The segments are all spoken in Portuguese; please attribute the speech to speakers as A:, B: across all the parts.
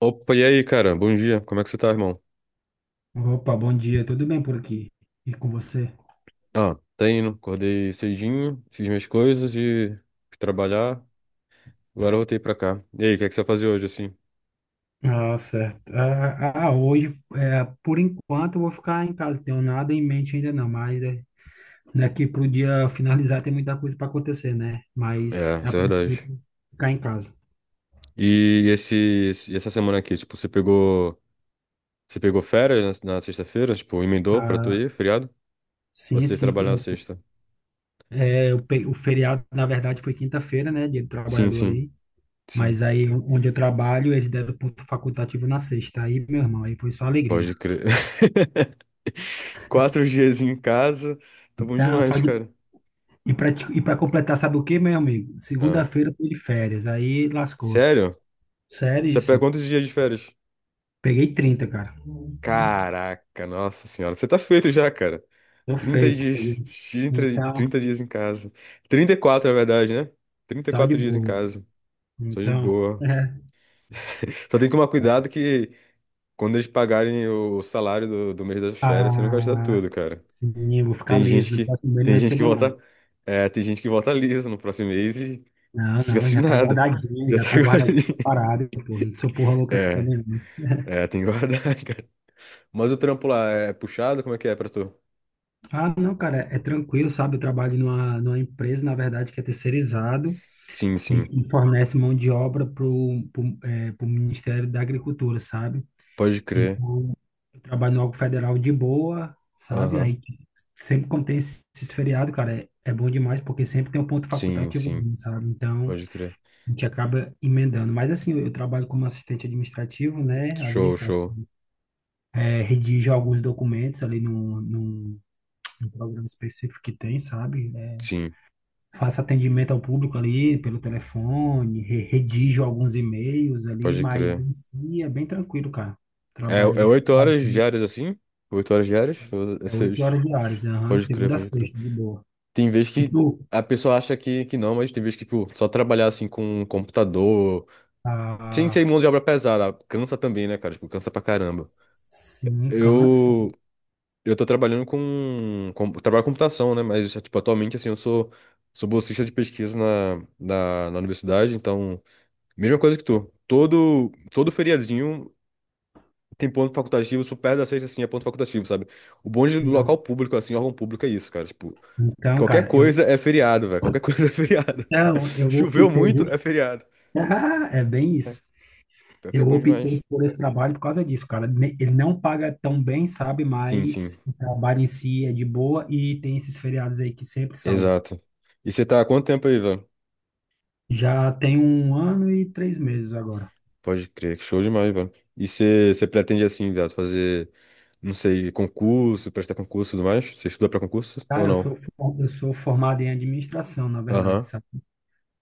A: Opa, e aí, cara? Bom dia. Como é que você tá, irmão?
B: Opa, bom dia, tudo bem por aqui? E com você?
A: Ah, tá indo. Acordei cedinho, fiz minhas coisas e fui trabalhar. Agora eu voltei pra cá. E aí, o que é que você vai fazer hoje, assim?
B: Ah, certo. Hoje, por enquanto, eu vou ficar em casa, tenho nada em mente ainda não, mas daqui pro dia finalizar tem muita coisa para acontecer, né? Mas,
A: É,
B: a
A: isso é verdade.
B: princípio, ficar em casa.
A: E essa semana aqui, tipo, você pegou férias na sexta-feira? Tipo, emendou pra tu
B: Ah,
A: ir, feriado? Ou
B: sim,
A: você
B: sim,
A: trabalhou na sexta?
B: o feriado, na verdade, foi quinta-feira, né, dia do
A: Sim,
B: trabalhador
A: sim,
B: ali,
A: sim.
B: mas aí, onde eu trabalho, eles deram ponto facultativo na sexta, aí, meu irmão, aí foi só alegria.
A: Pode crer. 4 dias em casa. Tá bom
B: Então, só
A: demais,
B: de
A: cara.
B: E para e para completar, sabe o que, meu amigo?
A: Ah,
B: Segunda-feira eu tô de férias, aí lascou-se.
A: sério? Você pega
B: Seríssimo.
A: quantos dias de férias?
B: Peguei 30, cara.
A: Caraca, nossa senhora. Você tá feito já, cara.
B: Tô
A: 30
B: feito, peguei.
A: dias, 30
B: Então,
A: 30 dias em casa. 34, na verdade, né? Trinta e
B: só de
A: quatro dias em
B: boa.
A: casa. Só de
B: Então,
A: boa. Só tem que tomar cuidado que quando eles pagarem o salário do mês das férias, você não gasta
B: Ah,
A: tudo, cara.
B: sim, eu vou ficar liso, não posso comer, não
A: Tem gente que
B: recebo nada.
A: volta, é, tem gente que volta lisa no próximo mês e
B: Não,
A: fica
B: não,
A: sem nada. Já
B: já
A: tá
B: tá guardadinho
A: guardadinho.
B: separado, pô. Não sou porra louca assim
A: É,
B: também, não.
A: é, tem que guardar, cara. Mas o trampo lá é puxado? Como é que é pra tu?
B: Ah, não, cara, é tranquilo, sabe? Eu trabalho numa empresa, na verdade, que é terceirizado.
A: Sim,
B: E
A: sim.
B: que fornece mão de obra para o Ministério da Agricultura, sabe?
A: Pode crer.
B: Então, eu trabalho no órgão federal de boa, sabe?
A: Aham.
B: Aí sempre quando tem esses feriados, cara, é bom demais, porque sempre tem um ponto
A: Sim,
B: facultativo,
A: sim.
B: sabe? Então,
A: Pode crer.
B: a gente acaba emendando. Mas assim, eu trabalho como assistente administrativo, né? Ali
A: Show,
B: faço,
A: show.
B: redijo alguns documentos ali num programa específico que tem, sabe? É,
A: Sim,
B: faço atendimento ao público ali pelo telefone, redijo alguns e-mails ali,
A: pode
B: mas
A: crer.
B: em si é bem tranquilo, cara.
A: É,
B: Trabalho
A: é
B: ali
A: oito horas
B: cedinho,
A: diárias assim? 8 horas diárias? Ou é
B: é oito
A: seis?
B: horas diárias, aham, de
A: Pode crer,
B: segunda a
A: pode crer.
B: sexta, de boa.
A: Tem vez
B: E
A: que
B: tu?
A: a pessoa acha que não, mas tem vez que, tipo, só trabalhar assim com um computador. Sem ser
B: Ah,
A: mão de obra pesada. Cansa também, né, cara? Tipo, cansa pra caramba.
B: sim, cansa.
A: Eu. Eu tô trabalhando com trabalho com computação, né? Mas, tipo, atualmente, assim, eu sou bolsista de pesquisa na universidade, então. Mesma coisa que tu. Todo feriadinho tem ponto facultativo, super perto da sexta, assim, é ponto facultativo, sabe? O bom de local
B: Não.
A: público, assim, órgão público é isso, cara. Tipo,
B: Então,
A: qualquer
B: cara,
A: coisa é feriado, velho. Qualquer coisa é feriado.
B: eu
A: Choveu
B: optei
A: muito, é feriado.
B: É bem isso.
A: Pior que é
B: Eu
A: bom
B: optei
A: demais.
B: por esse trabalho por causa disso, cara. Ele não paga tão bem, sabe?
A: Sim, sim.
B: Mas o trabalho em si é de boa e tem esses feriados aí que sempre salva.
A: Exato. E você tá há quanto tempo aí, velho?
B: Já tem um ano e 3 meses agora.
A: Pode crer, show demais, velho. E você pretende, assim, velho, fazer, não sei, concurso, prestar concurso e tudo mais? Você estuda pra concurso ou
B: Cara,
A: não?
B: eu sou formado em administração, na verdade,
A: Aham.
B: sabe?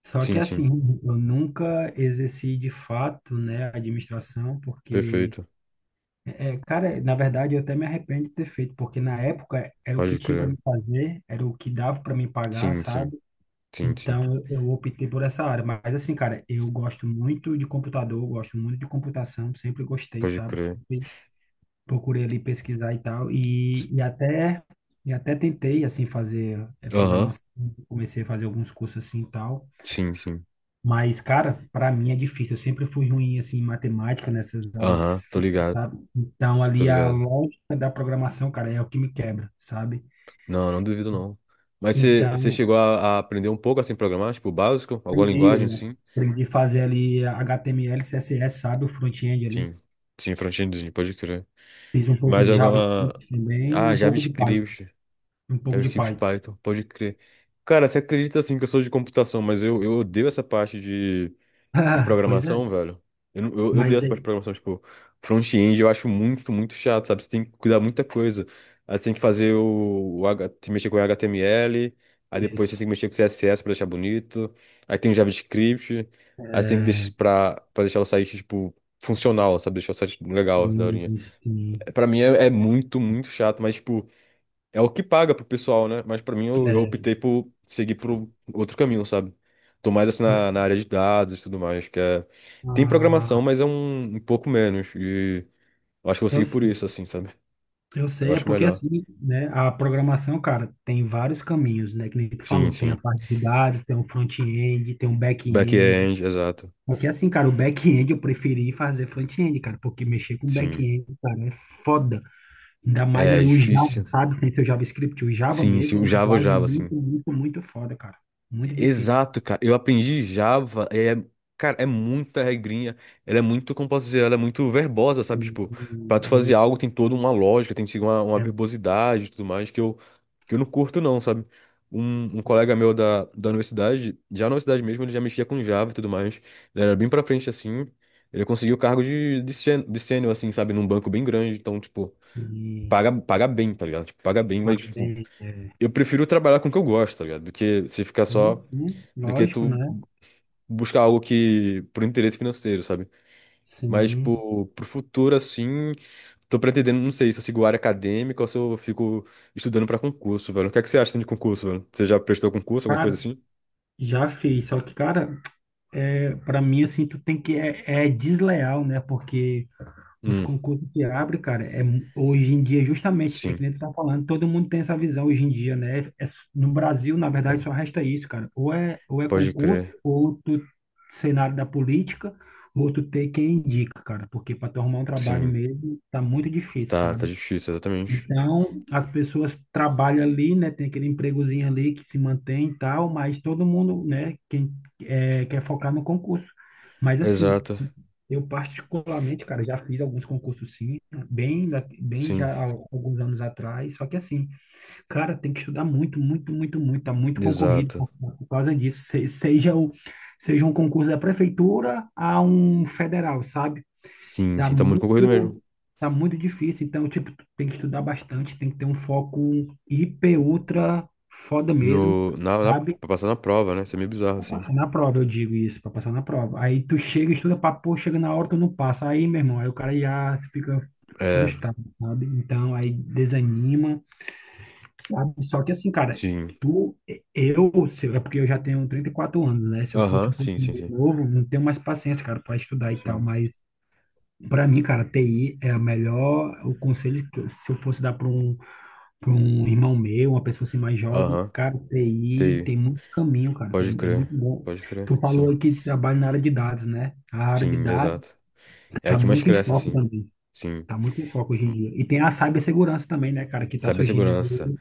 B: Só que
A: Sim,
B: assim,
A: sim.
B: eu nunca exerci de fato, né, a administração, porque,
A: Perfeito.
B: cara, na verdade eu até me arrependo de ter feito, porque na época era o que
A: Pode
B: tinha para me
A: crer.
B: fazer, era o que dava para me pagar,
A: Sim, sim.
B: sabe?
A: Sim, sim.
B: Então eu optei por essa área. Mas assim, cara, eu gosto muito de computador, eu gosto muito de computação, sempre gostei,
A: Pode
B: sabe?
A: crer.
B: Procurei ali pesquisar e tal,
A: S-
B: e até tentei assim fazer
A: Aham.
B: programação, comecei a fazer alguns cursos assim e tal,
A: Sim, sim.
B: mas cara, para mim é difícil. Eu sempre fui ruim assim em matemática nessas
A: Aham.
B: áreas,
A: Tô ligado.
B: sabe? Então
A: Tô
B: ali a
A: ligado.
B: lógica da programação, cara, é o que me quebra, sabe?
A: Não, não duvido, não. Mas você
B: Então
A: chegou a aprender um pouco assim, programar, tipo, o básico? Alguma
B: aprendi,
A: linguagem,
B: eu
A: sim?
B: aprendi a fazer ali HTML, CSS, sabe? O front-end ali.
A: Sim. Sim, front-endzinho, pode crer.
B: Fiz um pouco
A: Mais
B: de
A: alguma.
B: JavaScript também,
A: Ah,
B: um pouco de Python,
A: JavaScript.
B: um pouco de
A: JavaScript
B: Python.
A: Python, pode crer. Cara, você acredita assim que eu sou de computação, mas eu odeio essa parte de
B: Pois é,
A: programação, velho. Eu, não- eu dei
B: mas
A: essa
B: é
A: parte de programação, tipo, front-end eu acho muito, muito chato, sabe? Você tem que cuidar muita coisa. Aí você tem que fazer o H, tem que mexer com HTML, aí depois você
B: isso.
A: tem que mexer com CSS pra deixar bonito, aí tem o JavaScript, aí você tem que deixar
B: É,
A: pra, deixar o site, tipo, funcional, sabe? Deixar o site legal, daorinha.
B: sim, sim.
A: É, pra mim é muito, muito chato, mas, tipo, é o que paga pro pessoal, né? Mas pra mim eu optei
B: É,
A: por seguir pro outro caminho, sabe? Tô mais assim
B: mas,
A: na área de dados e tudo mais, que é... Tem
B: ah,
A: programação, mas é um pouco menos. E eu acho que eu vou
B: eu
A: seguir por isso,
B: sei,
A: assim, sabe?
B: eu
A: Eu
B: sei, é
A: acho
B: porque
A: melhor.
B: assim, né, a programação, cara, tem vários caminhos, né, que nem tu
A: Sim,
B: falou, tem a
A: sim.
B: parte de dados, tem o front-end, tem o back-end,
A: Back-end, exato.
B: porque assim, cara, o back-end eu preferi fazer front-end, cara, porque mexer com
A: Sim.
B: back-end, cara, é foda, ainda mais
A: É
B: ali o Java,
A: difícil.
B: sabe, tem seu JavaScript, o Java
A: Sim, sim.
B: mesmo é
A: O
B: uma
A: Java, o
B: linguagem
A: Java, assim.
B: muito, muito, muito foda, cara, muito difícil.
A: Exato, cara. Eu aprendi Java, cara, é muita regrinha, ela é muito, como posso dizer, ela é muito verbosa, sabe?
B: Sim,
A: Tipo, pra tu
B: e-
A: fazer algo tem toda uma lógica, tem que seguir uma
B: é,
A: verbosidade e tudo mais, que eu não curto não, sabe? Um colega meu da universidade, já na universidade mesmo, ele já mexia com Java e tudo mais, ele era bem pra frente assim, ele conseguiu o cargo de sênior, assim, sabe? Num banco bem grande, então, tipo,
B: sim.
A: paga bem, tá ligado? Tipo, paga bem, mas,
B: Paga
A: tipo,
B: bem, é.
A: eu prefiro trabalhar com o que eu gosto, tá ligado? Do que se ficar
B: Sim,
A: só
B: sim,
A: do que
B: lógico, né?
A: tu buscar algo que por interesse financeiro, sabe? Mas,
B: Sim.
A: tipo, pro futuro, assim, tô pretendendo, não sei se eu sigo área acadêmica ou se eu fico estudando pra concurso, velho. O que é que você acha de concurso, velho? Você já prestou concurso, alguma coisa
B: Cara,
A: assim?
B: já fiz, só que, cara, para mim, assim, tu tem que, é desleal, né? Porque os
A: Hum,
B: concursos que abrem, cara, hoje em dia, justamente, é que
A: sim,
B: nem tu tá falando, todo mundo tem essa visão hoje em dia, né? No Brasil, na verdade, só resta isso, cara. Ou é
A: pode
B: concurso,
A: crer.
B: ou tu cenário da política, ou tu ter quem indica, cara. Porque para tu arrumar um trabalho
A: Sim,
B: mesmo, tá muito difícil,
A: tá
B: sabe?
A: difícil, exatamente.
B: Então, as pessoas trabalham ali, né? Tem aquele empregozinho ali que se mantém e tal, mas todo mundo, né? Quem quer focar no concurso. Mas assim,
A: Exato,
B: eu particularmente, cara, já fiz alguns concursos sim, bem
A: sim,
B: já há alguns anos atrás. Só que assim, cara, tem que estudar muito, muito, muito, muito. Tá muito concorrido
A: exato.
B: por causa disso. Seja um concurso da prefeitura a um federal, sabe?
A: Sim,
B: Tá
A: sim, tá muito concorrido mesmo.
B: muito, tá muito difícil. Então, tipo, tu tem que estudar bastante, tem que ter um foco hiper, ultra foda mesmo,
A: No, na, na,
B: sabe?
A: pra passar na prova, né? Isso é meio bizarro,
B: Pra
A: assim.
B: passar na prova, eu digo isso, pra passar na prova. Aí tu chega, estuda pra pô, chega na hora, tu não passa. Aí, meu irmão, aí o cara já fica
A: É,
B: frustrado, sabe? Então, aí desanima, sabe? Só que assim, cara,
A: sim.
B: tu, eu, se- é porque eu já tenho 34 anos, né? Se eu fosse
A: Aham,
B: um pouco
A: sim, sim,
B: mais
A: sim.
B: novo, não tenho mais paciência, cara, pra estudar e tal,
A: Sim.
B: mas. Para mim, cara, TI é a melhor. O conselho que se eu fosse dar para um, irmão meu, uma pessoa assim mais jovem,
A: Aham,
B: cara, TI
A: TI.
B: tem muito caminho, cara, tem,
A: Pode
B: é muito
A: crer,
B: bom.
A: pode crer,
B: Tu falou
A: sim.
B: aí que trabalha na área de dados, né? A área de
A: Sim, exato.
B: dados
A: É a
B: tá
A: que mais
B: muito em
A: cresce,
B: foco
A: assim.
B: também.
A: Sim.
B: Tá muito em foco hoje em dia. E tem a cibersegurança também, né, cara, que tá surgindo aí.
A: Cibersegurança.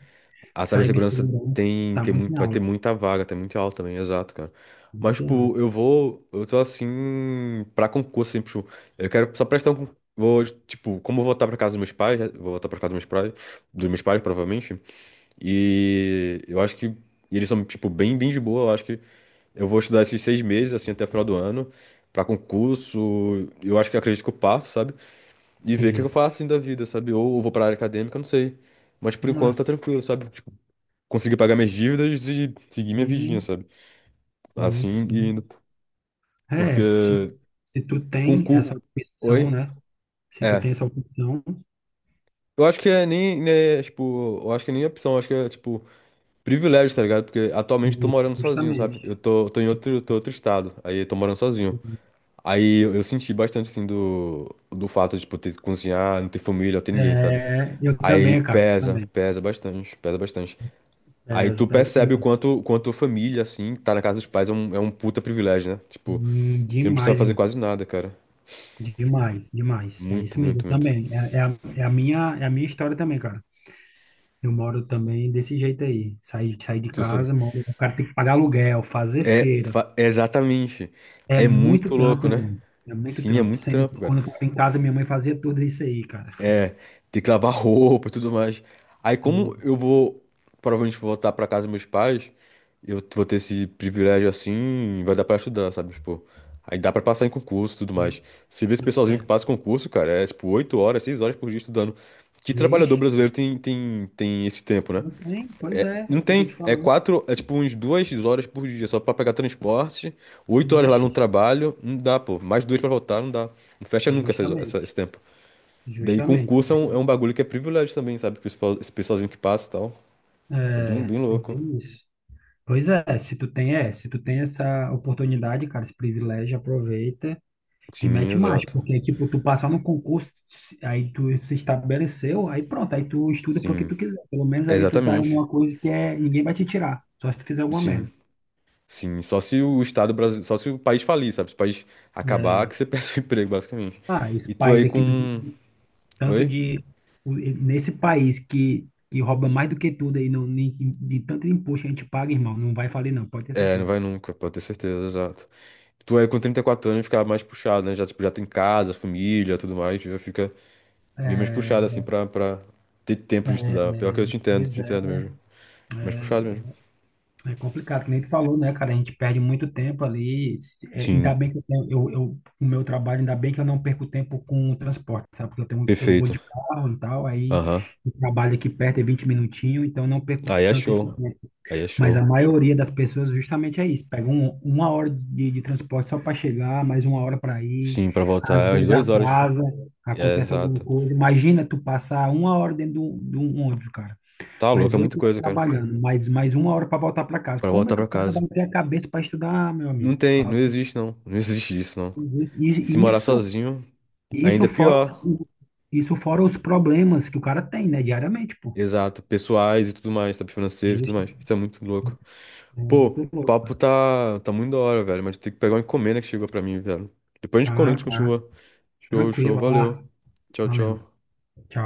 A: A cibersegurança
B: Cibersegurança
A: tem,
B: tá
A: tem
B: muito em
A: muito, vai ter
B: alta,
A: muita vaga, tem muito alta também, exato, cara.
B: tá
A: Mas,
B: muito em
A: tipo,
B: alta.
A: eu tô assim, pra concurso, assim, tipo, eu quero só prestar vou, tipo, como eu vou voltar pra casa dos meus pais, né, vou voltar pra casa dos meus pais, provavelmente, e eu acho que, e eles são, tipo, bem de boa, eu acho que eu vou estudar esses 6 meses, assim, até o final do ano, pra concurso. Eu acho que acredito que eu passo, sabe? E ver o que eu
B: Sim.
A: faço assim da vida, sabe? Ou eu vou pra área acadêmica, eu não sei. Mas por enquanto
B: Ah,
A: tá tranquilo, sabe? Tipo, conseguir pagar minhas dívidas e seguir minha vidinha,
B: sim,
A: sabe?
B: sim,
A: Assim, e indo.
B: sim. É, se,
A: Porque
B: se tu tem essa
A: concurso.
B: opção,
A: Oi?
B: né? Se tu tem
A: É.
B: essa opção,
A: Eu acho que é nem, né, tipo, eu acho que é nem opção, eu acho que é, tipo, privilégio, tá ligado? Porque atualmente eu tô
B: isso,
A: morando sozinho, sabe?
B: justamente.
A: Eu tô, tô em
B: Se-
A: outro, tô em outro estado, aí eu tô morando sozinho.
B: se-
A: Aí eu senti bastante, assim, do fato de, tipo, ter que cozinhar, não ter família, não ter ninguém, sabe?
B: É, eu
A: Aí
B: também, cara,
A: pesa,
B: também.
A: pesa bastante, pesa bastante. Aí
B: Peso,
A: tu
B: peso
A: percebe o
B: demais.
A: quanto família, assim, tá na casa dos pais é um puta privilégio, né? Tipo,
B: Sim,
A: você não precisa
B: demais,
A: fazer
B: irmão.
A: quase nada, cara.
B: Demais, demais. É
A: Muito,
B: isso mesmo,
A: muito, muito.
B: também. É a minha história também, cara. Eu moro também desse jeito aí. Saí de
A: Tu sei.
B: casa, moro, o cara tem que pagar aluguel, fazer feira.
A: Exatamente.
B: É
A: É muito
B: muito trampo,
A: louco, né?
B: irmão. É muito
A: Sim, é
B: trampo.
A: muito
B: Sendo
A: trampo,
B: que
A: cara.
B: quando eu tava em casa, minha mãe fazia tudo isso aí, cara.
A: É, tem que lavar roupa e tudo mais. Aí, como eu
B: Tudo.
A: vou, provavelmente vou voltar pra casa dos meus pais, eu vou ter esse privilégio assim, vai dar pra estudar, sabe? Tipo, aí dá pra passar em concurso e tudo mais. Você vê esse pessoalzinho que
B: É,
A: passa concurso, cara, é tipo 8 horas, 6 horas por dia estudando. Que trabalhador
B: vixe.
A: brasileiro tem esse tempo, né?
B: Não tem? Pois é, é
A: Não
B: isso que eu estou
A: tem.
B: te
A: É
B: falando.
A: quatro, é tipo uns 2 horas por dia só pra pegar transporte, 8 horas lá
B: Ixi.
A: no trabalho, não dá, pô. Mais duas pra voltar, não dá. Não fecha nunca esse
B: Justamente,
A: tempo. Daí
B: justamente.
A: concurso é um bagulho que é privilégio também, sabe? Que os pessoal- esse pessoalzinho que passa e tal. É bem,
B: É,
A: bem
B: é
A: louco.
B: bem isso. Pois é, se tu tem essa oportunidade, cara, esse privilégio, aproveita e
A: Sim,
B: mete mais,
A: exato.
B: porque, tipo, tu passar no concurso, aí tu se estabeleceu, aí pronto, aí tu estuda pro que
A: Sim,
B: tu quiser. Pelo menos ali tu tá em
A: exatamente.
B: uma coisa que é, ninguém vai te tirar, só se tu fizer alguma
A: Sim,
B: merda.
A: sim. Só se o Estado brasileiro, só se o país falir, sabe? Se o país acabar,
B: É,
A: que você perde o emprego, basicamente.
B: ah, esse
A: E tu
B: país
A: aí
B: aqui do
A: com.
B: tanto
A: Oi?
B: de o- nesse país que rouba mais do que tudo aí no, ni- de tanto imposto que a gente paga, irmão, não vai falir não, pode ter
A: É, não
B: certeza.
A: vai nunca, pode ter certeza, exato. Tu aí com 34 anos fica mais puxado, né? Já, tipo, já tem casa, família, tudo mais, já fica bem mais
B: É,
A: puxado, assim, pra ter tempo de
B: é,
A: estudar. Pior que eu
B: pois
A: te
B: é,
A: entendo mesmo. Mais puxado mesmo.
B: é complicado, que nem tu falou, né, cara? A gente perde muito tempo ali. Ainda
A: Sim,
B: bem que eu, tenho- eu- o meu trabalho, ainda bem que eu não perco tempo com o transporte, sabe? Porque eu vou
A: perfeito.
B: de carro e tal, aí
A: Aham.
B: o trabalho aqui perto é 20 minutinhos, então eu não perco
A: Aí é
B: tanto esse
A: show.
B: tempo.
A: Aí é
B: Mas a
A: show.
B: maioria das pessoas justamente é isso, pega uma hora de transporte só para chegar, mais uma hora para ir,
A: Sim, pra voltar
B: às
A: é umas
B: vezes
A: 2 horas.
B: atrasa,
A: É
B: acontece alguma
A: exato.
B: coisa. Imagina tu passar uma hora dentro de um ônibus, cara,
A: Tá
B: mais
A: louco, é muita
B: 8 horas
A: coisa, cara.
B: trabalhando, mais uma hora para voltar para casa.
A: Pra
B: Como é
A: voltar
B: que
A: pra
B: o cara
A: casa.
B: vai ter a cabeça para estudar, meu
A: Não
B: amigo?
A: tem, não
B: Fala.
A: existe não. Não existe isso, não. E se
B: E
A: morar
B: Isso,
A: sozinho,
B: isso
A: ainda é
B: fora,
A: pior.
B: os- isso fora os problemas que o cara tem, né, diariamente, pô.
A: Exato. Pessoais e tudo mais, sabe? Financeiro e tudo
B: Justo.
A: mais. Isso é muito louco.
B: É
A: Pô, o
B: muito louco.
A: papo tá muito da hora, velho. Mas tem que pegar uma encomenda que chegou pra mim, velho. Depois a gente, quando a
B: Ah,
A: gente
B: tá.
A: continua. Show,
B: Tranquilo,
A: show.
B: vai lá.
A: Valeu. Tchau,
B: Valeu.
A: tchau.
B: Tchau.